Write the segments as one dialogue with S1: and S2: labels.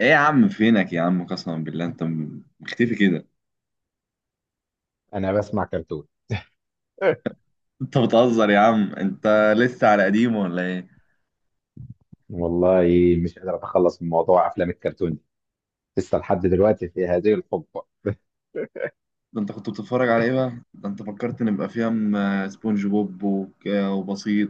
S1: ايه يا عم، فينك يا عم؟ قسما بالله انت مختفي كده.
S2: انا بسمع كرتون.
S1: انت بتهزر يا عم؟ انت لسه على قديم ولا ايه؟
S2: والله مش قادر اتخلص من موضوع افلام الكرتون دي لسه لحد دلوقتي في هذه الحقبه.
S1: ده انت كنت بتتفرج على ايه بقى؟ ده انت فكرت، نبقى في سبونج بوب وبسيط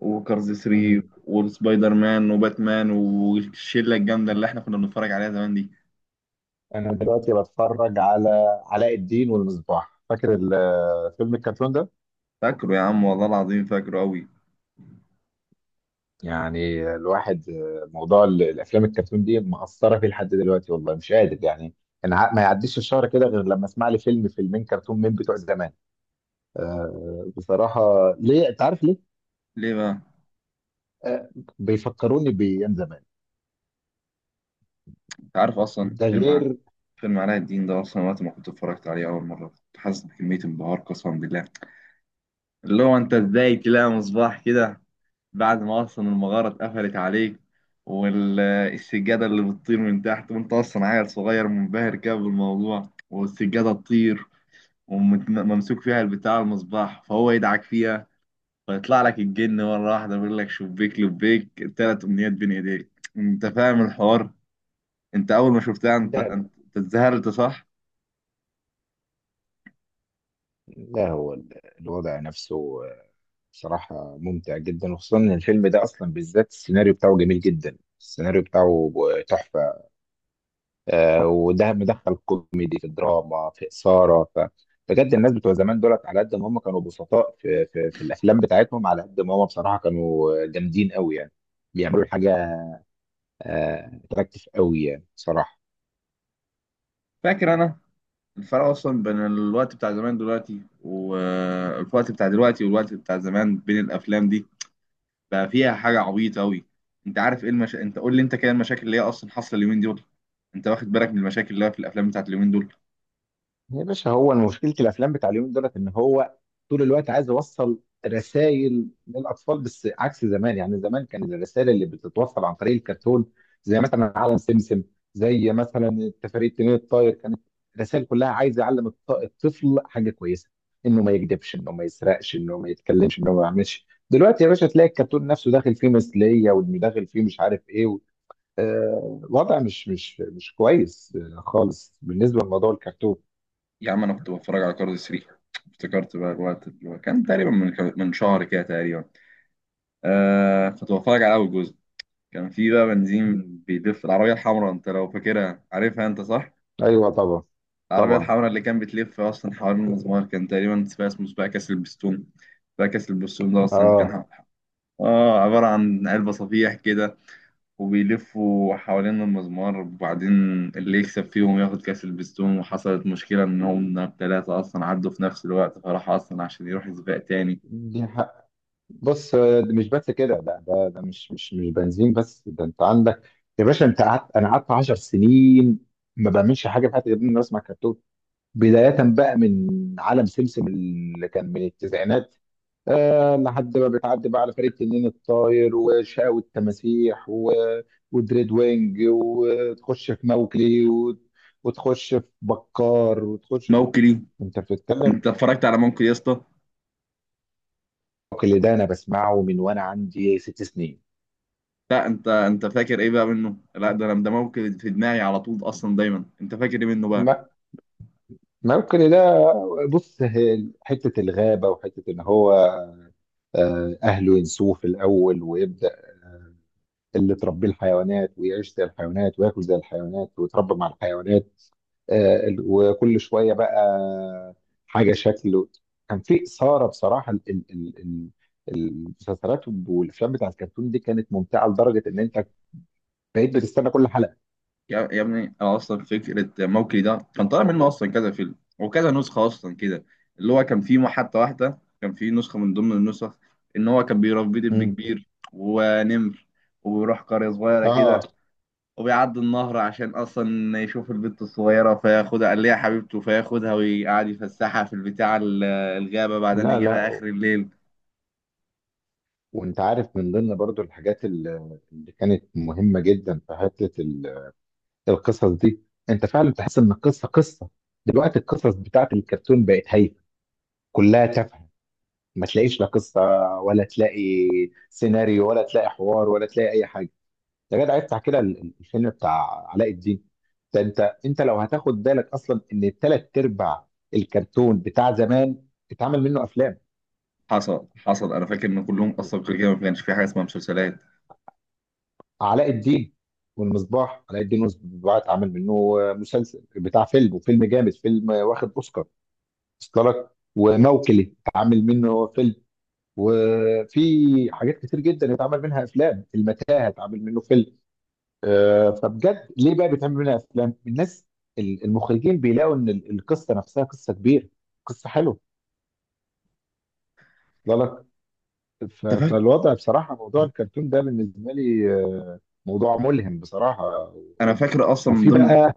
S1: وكارز 3
S2: مم.
S1: وسبايدر مان وباتمان والشله الجامده اللي احنا كنا بنتفرج عليها زمان دي.
S2: انا دلوقتي بتفرج على علاء الدين والمصباح، فاكر فيلم الكرتون ده؟
S1: فاكره يا عم، والله العظيم فاكره قوي.
S2: يعني الواحد موضوع الافلام الكرتون دي مأثره فيه لحد دلوقتي، والله مش قادر يعني. انا ما يعديش الشهر كده غير لما اسمع لي فيلم فيلمين كرتون من بتوع زمان. بصراحه. ليه؟ انت عارف ليه؟
S1: ليه بقى؟
S2: آه، بيفكروني بايام زمان.
S1: انت عارف اصلا
S2: ده
S1: فيلم
S2: غير
S1: فيلم علاء الدين ده؟ اصلا وقت ما كنت اتفرجت عليه اول مره كنت حاسس بكميه انبهار قسما بالله، اللي هو انت ازاي تلاقي مصباح كده بعد ما اصلا المغاره اتقفلت عليك، والسجاده اللي بتطير من تحت، وانت اصلا عيل صغير منبهر كده بالموضوع والسجاده تطير وممسوك فيها البتاع المصباح، فهو يدعك فيها فيطلع لك الجن مره واحده بيقول لك شبيك لبيك، ثلاث امنيات بين ايديك. انت فاهم الحوار. انت اول ما شفتها انت انت
S2: ده.
S1: أنت اتذهلت صح؟
S2: لا هو الوضع نفسه صراحة ممتع جدا، وخصوصا ان الفيلم ده اصلا بالذات السيناريو بتاعه جميل جدا، السيناريو بتاعه تحفة. وده مدخل كوميدي في دراما في إثارة. بجد الناس بتوع زمان دولت على قد ما هم كانوا بسطاء في الافلام بتاعتهم، على قد ما هم بصراحة كانوا جامدين قوي يعني. بيعملوا حاجة اتراكتيف قوي يعني صراحة.
S1: فاكر انا الفرق اصلا بين الوقت بتاع زمان دلوقتي، والوقت بتاع دلوقتي والوقت بتاع زمان بين الافلام دي، بقى فيها حاجه عبيطه قوي. انت عارف ايه انت قول لي انت كده المشاكل اللي هي اصلا حاصله اليومين دول؟ انت واخد بالك من المشاكل اللي هي في الافلام بتاعت اليومين دول؟
S2: يا باشا هو مشكلة الأفلام بتاع اليومين دولت إن هو طول الوقت عايز يوصل رسائل للأطفال، بس عكس زمان. يعني زمان كان الرسائل اللي بتتوصل عن طريق الكرتون زي مثلا عالم سمسم، زي مثلا التفاريد التنين الطاير، كانت الرسائل كلها عايز يعلم الطفل حاجة كويسة. إنه ما يكذبش، إنه ما يسرقش، إنه ما يتكلمش، إنه ما يعملش. دلوقتي يا باشا تلاقي الكرتون نفسه داخل فيه مثلية، وإنه داخل فيه مش عارف إيه و... وضع مش كويس خالص بالنسبة لموضوع الكرتون.
S1: يا عم انا كنت بتفرج على كارد 3. افتكرت بقى الوقت اللي هو كان تقريبا من شهر كده تقريبا. آه، كنت بتفرج على اول جزء. كان في بقى بنزين بيلف العربيه الحمراء، انت لو فاكرها عارفها انت صح؟
S2: ايوه طبعا.
S1: العربيه
S2: طبعا.
S1: الحمراء اللي كان بتلف اصلا حوالين المزمار، كان تقريبا سباق اسمه سباق كاس البستون. سباق كاس البستون ده اصلا كان
S2: اه.
S1: عباره عن علبه صفيح كده، وبيلفوا حوالين المزمار وبعدين اللي يكسب فيهم ياخد كأس البستون. وحصلت مشكلة إن هم التلاتة أصلا عدوا في نفس الوقت، فراح أصلا عشان يروح سباق تاني.
S2: دي حق. بص، ده مش بس كده، ده مش بنزين بس، ده انت عندك. يا باشا انت قعدت، انا قعدت 10 سنين ما بعملش حاجه في حياتي غير اني بسمع كرتون. بدايه بقى من عالم سمسم اللي كان من التسعينات، آه، لحد ما بتعدي بقى على فريق تنين الطاير وشاو التماسيح و... ودريد وينج، وتخش في موكلي و... وتخش في بكار وتخش.
S1: موكلي؟
S2: انت بتتكلم.
S1: أنت اتفرجت على موكلي يا اسطى؟
S2: الموكل ده انا بسمعه من وانا عندي ست سنين.
S1: لا أنت فاكر إيه بقى منه؟ لا ده أنا، ده موكلي في دماغي على طول أصلا دايما. أنت فاكر إيه منه بقى؟
S2: ما- الموكل ده، بص، هي حته الغابه وحته ان هو اهله ينسوه في الاول، ويبدا اللي تربيه الحيوانات، ويعيش زي الحيوانات، وياكل زي الحيوانات، ويتربى مع الحيوانات. وكل شويه بقى حاجه شكله. كان في اثاره بصراحه. المسلسلات والافلام بتاع الكرتون دي كانت ممتعه لدرجه ان انت بقيت بتستنى كل حلقه.
S1: يا ابني، انا اصلا فكره موكلي ده كان طالع منه اصلا كذا فيلم وكذا نسخه اصلا كده. اللي هو كان فيه حتى واحده، كان فيه نسخه من ضمن النسخ، ان هو كان بيربي دب
S2: مم.
S1: كبير ونمر، وبيروح قريه صغيره
S2: اه.
S1: كده وبيعدي النهر عشان اصلا يشوف البنت الصغيره فياخدها، قال ليها حبيبته، فياخدها ويقعد يفسحها في البتاع الغابه بعدين
S2: لا
S1: يجيبها
S2: لا،
S1: اخر الليل.
S2: وانت عارف من ضمن برضو الحاجات اللي كانت مهمة جدا في حتة القصص دي، انت فعلا تحس ان القصة قصة. دلوقتي القصص بتاعت الكرتون بقت هايفة، كلها تافهة، ما تلاقيش لا قصة ولا تلاقي سيناريو ولا تلاقي حوار ولا تلاقي اي حاجة. يا جدع افتح كده الفيلم بتاع علاء الدين ده. انت، انت لو هتاخد بالك اصلا ان ثلاث ارباع الكرتون بتاع زمان اتعمل منه افلام.
S1: حصل حصل، انا فاكر ان كلهم اصلا كل كده ما كانش في حاجه اسمها مسلسلات.
S2: علاء الدين والمصباح، علاء الدين والمصباح اتعمل منه مسلسل بتاع فيلم، وفيلم جامد، فيلم واخد اوسكار. اوسكار لك. وموكلي اتعمل منه فيلم، وفي حاجات كتير جدا اتعمل منها افلام. المتاهه اتعمل منه فيلم. فبجد ليه بقى بيتعمل منها افلام الناس؟ المخرجين بيلاقوا ان القصه نفسها قصه كبيره، قصه حلوه، واصله لك.
S1: انت فاكر؟
S2: فالوضع بصراحه موضوع الكرتون ده بالنسبه لي موضوع ملهم بصراحه.
S1: انا
S2: و-
S1: فاكر اصلا من
S2: وفي
S1: ضمن،
S2: بقى.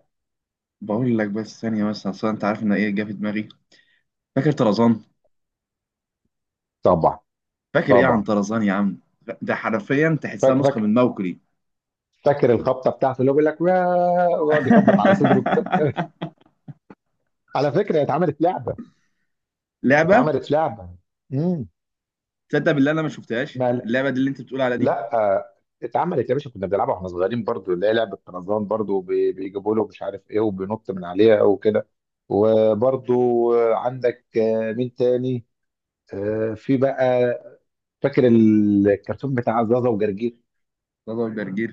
S1: بقول لك بس ثانية بس، أصل أنت عارف إن إيه جه في دماغي؟ فاكر طرزان؟
S2: طبعا.
S1: فاكر إيه عن
S2: طبعا.
S1: طرزان يا عم؟ ده حرفيا تحسها
S2: فاكر،
S1: نسخة
S2: فاكر.
S1: من موكلي.
S2: فاكر الخبطه بتاعته اللي هو بيقول لك "واه!" ويقعد يخبط على صدره كده على فكره هي اتعملت لعبه.
S1: لعبة.
S2: اتعملت لعبه. امم.
S1: تصدق بالله أنا ما شفتهاش
S2: ما،
S1: اللعبة دي اللي أنت بتقول على دي.
S2: لا اتعملت يا باشا. كنا بنلعبها واحنا صغيرين برضو، اللي هي لعبه طرزان برضو، بيجيبوا له مش عارف ايه وبينط من عليها وكده. وبرضو عندك مين تاني؟ في بقى فاكر الكرتون بتاع زازا وجرجير.
S1: زازا وجرجير،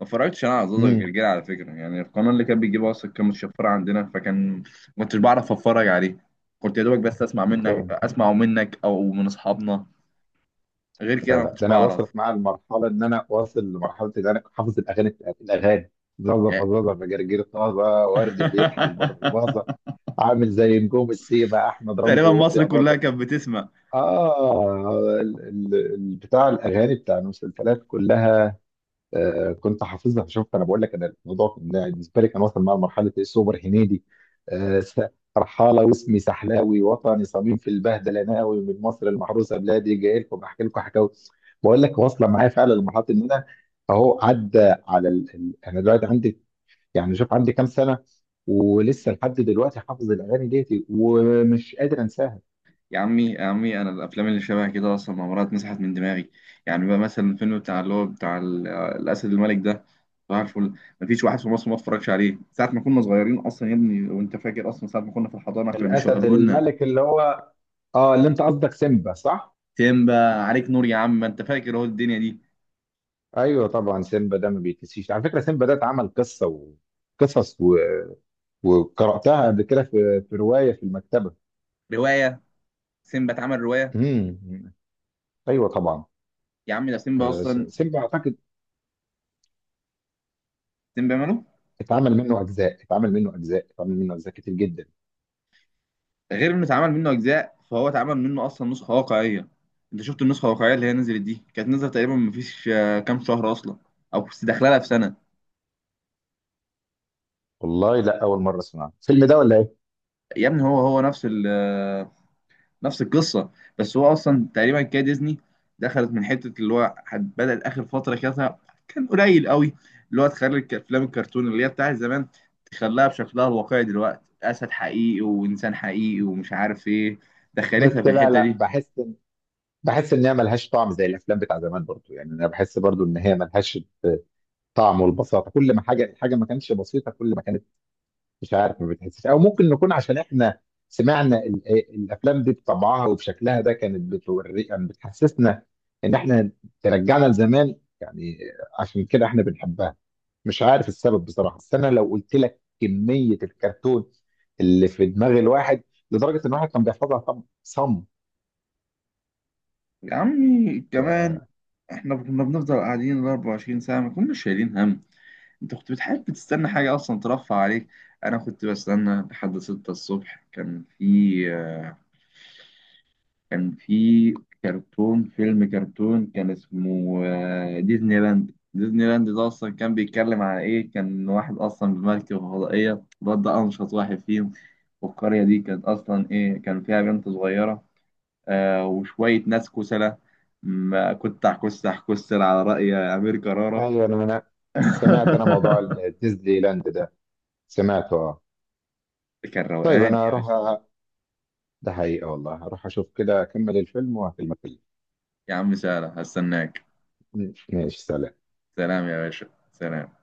S1: ما اتفرجتش أنا على زازا
S2: امم.
S1: وجرجير على فكرة. يعني القناة اللي كان بيجيبها أصلا كان متشفرة عندنا، فكان ما كنتش بعرف أتفرج عليه. كنت يا دوبك بس أسمعه منك أو من أصحابنا، غير كده
S2: لا
S1: ما
S2: لا،
S1: كنتش
S2: ده انا
S1: بعرف.
S2: وصلت معايا المرحله ان انا واصل لمرحله ان انا حافظ الاغاني الاغاني: زازا
S1: يعني.
S2: فزازا فجرجير طازه ورد بيضحك برباظه. عامل زي نجوم السيبه احمد رمزي
S1: تقريبا
S2: ورشدي
S1: مصر كلها
S2: اباظه.
S1: كانت بتسمع.
S2: اه بتاع الاغاني بتاع المسلسلات كلها كنت حافظها. شفت، انا بقول لك انا الموضوع كان بالنسبه لي كان واصل مع مرحله ايه سوبر هنيدي. آه، س- رحاله واسمي سحلاوي، وطني صميم في البهدله ناوي، من مصر المحروسه بلادي جاي لكم بحكي لكم حكاوي. بقول لك واصله معايا فعلا لمرحله ان انا اهو عدى على انا دلوقتي عندي، يعني شوف عندي كام سنه، ولسه لحد دلوقتي حافظ الاغاني ديتي ومش قادر انساها.
S1: يا عمي يا عمي، انا الافلام اللي شبه كده اصلا ما مرات مسحت من دماغي. يعني بقى مثلا الفيلم بتاع اللي هو بتاع الاسد الملك ده، صباح الفل. مفيش واحد في مصر ما اتفرجش عليه ساعه ما كنا صغيرين اصلا يا ابني. وانت فاكر اصلا ساعه ما كنا في الحضانه كانوا
S2: الاسد
S1: بيشغلوا لنا
S2: الملك اللي هو اه، اللي انت قصدك سيمبا صح؟
S1: سيمبا؟ عليك نور يا عم، ما انت فاكر هو الدنيا دي.
S2: ايوه طبعا. سيمبا ده ما بيتنسيش على فكره. سيمبا ده اتعمل قصه وقصص و... وقراتها قبل كده في روايه في المكتبه.
S1: روايه؟ سيمبا اتعمل روايه؟
S2: امم. ايوه طبعا.
S1: يا عم ده سيمبا اصلا،
S2: سيمبا اعتقد
S1: سيمبا ماله؟
S2: اتعمل منه اجزاء، اتعمل منه اجزاء، اتعمل منه اجزاء كتير جدا.
S1: غير انه اتعمل منه اجزاء فهو اتعمل منه اصلا نسخه واقعيه. انت شفت النسخه الواقعيه اللي هي نزلت دي؟ كانت نزلت تقريبا مفيش كام شهر اصلا، او داخله لها في سنه.
S2: والله لا، اول مره اسمع الفيلم ده ولا ايه.
S1: يا ابني، هو هو نفس نفس القصه، بس هو اصلا تقريبا كده ديزني دخلت من حته اللي هو بدات اخر فتره كده، كان قليل قوي، اللي هو تخلي افلام الكرتون اللي هي بتاعت زمان تخليها بشكلها الواقعي، دلوقتي اسد حقيقي وانسان حقيقي ومش عارف ايه،
S2: بس
S1: دخلتها في
S2: لا
S1: الحته
S2: لا،
S1: دي.
S2: بحس إن... بحس ان هي ملهاش طعم زي الافلام بتاع زمان برضو. يعني انا بحس برضو ان هي ملهاش آه، طعم. والبساطه، كل ما حاجه، ما كانتش بسيطه، كل ما كانت مش عارف ما بتحسش، او ممكن نكون عشان احنا سمعنا الافلام دي بطبعها وبشكلها ده، كانت بتوري يعني، بتحسسنا ان احنا ترجعنا لزمان يعني، عشان كده احنا بنحبها. مش عارف السبب بصراحه، بس انا لو قلت لك كميه الكرتون اللي في دماغ الواحد، لدرجه ان الواحد كان بيحفظها طب صم.
S1: يا عمي كمان، احنا كنا بنفضل قاعدين ال 24 ساعه ما كناش شايلين هم. انت كنت بتحب تستنى حاجه اصلا ترفع عليك؟ انا كنت بستنى لحد 6 الصبح. كان في كان في كرتون، فيلم كرتون كان اسمه ديزني لاند. ديزني لاند ده اصلا كان بيتكلم على ايه؟ كان واحد اصلا بمركب فضائيه، الواد ده انشط واحد فيهم، والقريه دي كانت اصلا ايه، كان فيها بنت صغيره، وشويه ناس كسلة، ما كنت كسح، كسل على رأي امير كرارة.
S2: ايوه انا، سمعت انا موضوع الديزني لاند ده، سمعته اه.
S1: كان
S2: طيب
S1: روقان
S2: انا
S1: يا
S2: هروح
S1: باشا.
S2: ده حقيقه والله، هروح اشوف كده، اكمل الفيلم واكلمك.
S1: يا عم سهلة، هستناك.
S2: ماشي، سلام.
S1: سلام يا باشا. سلام.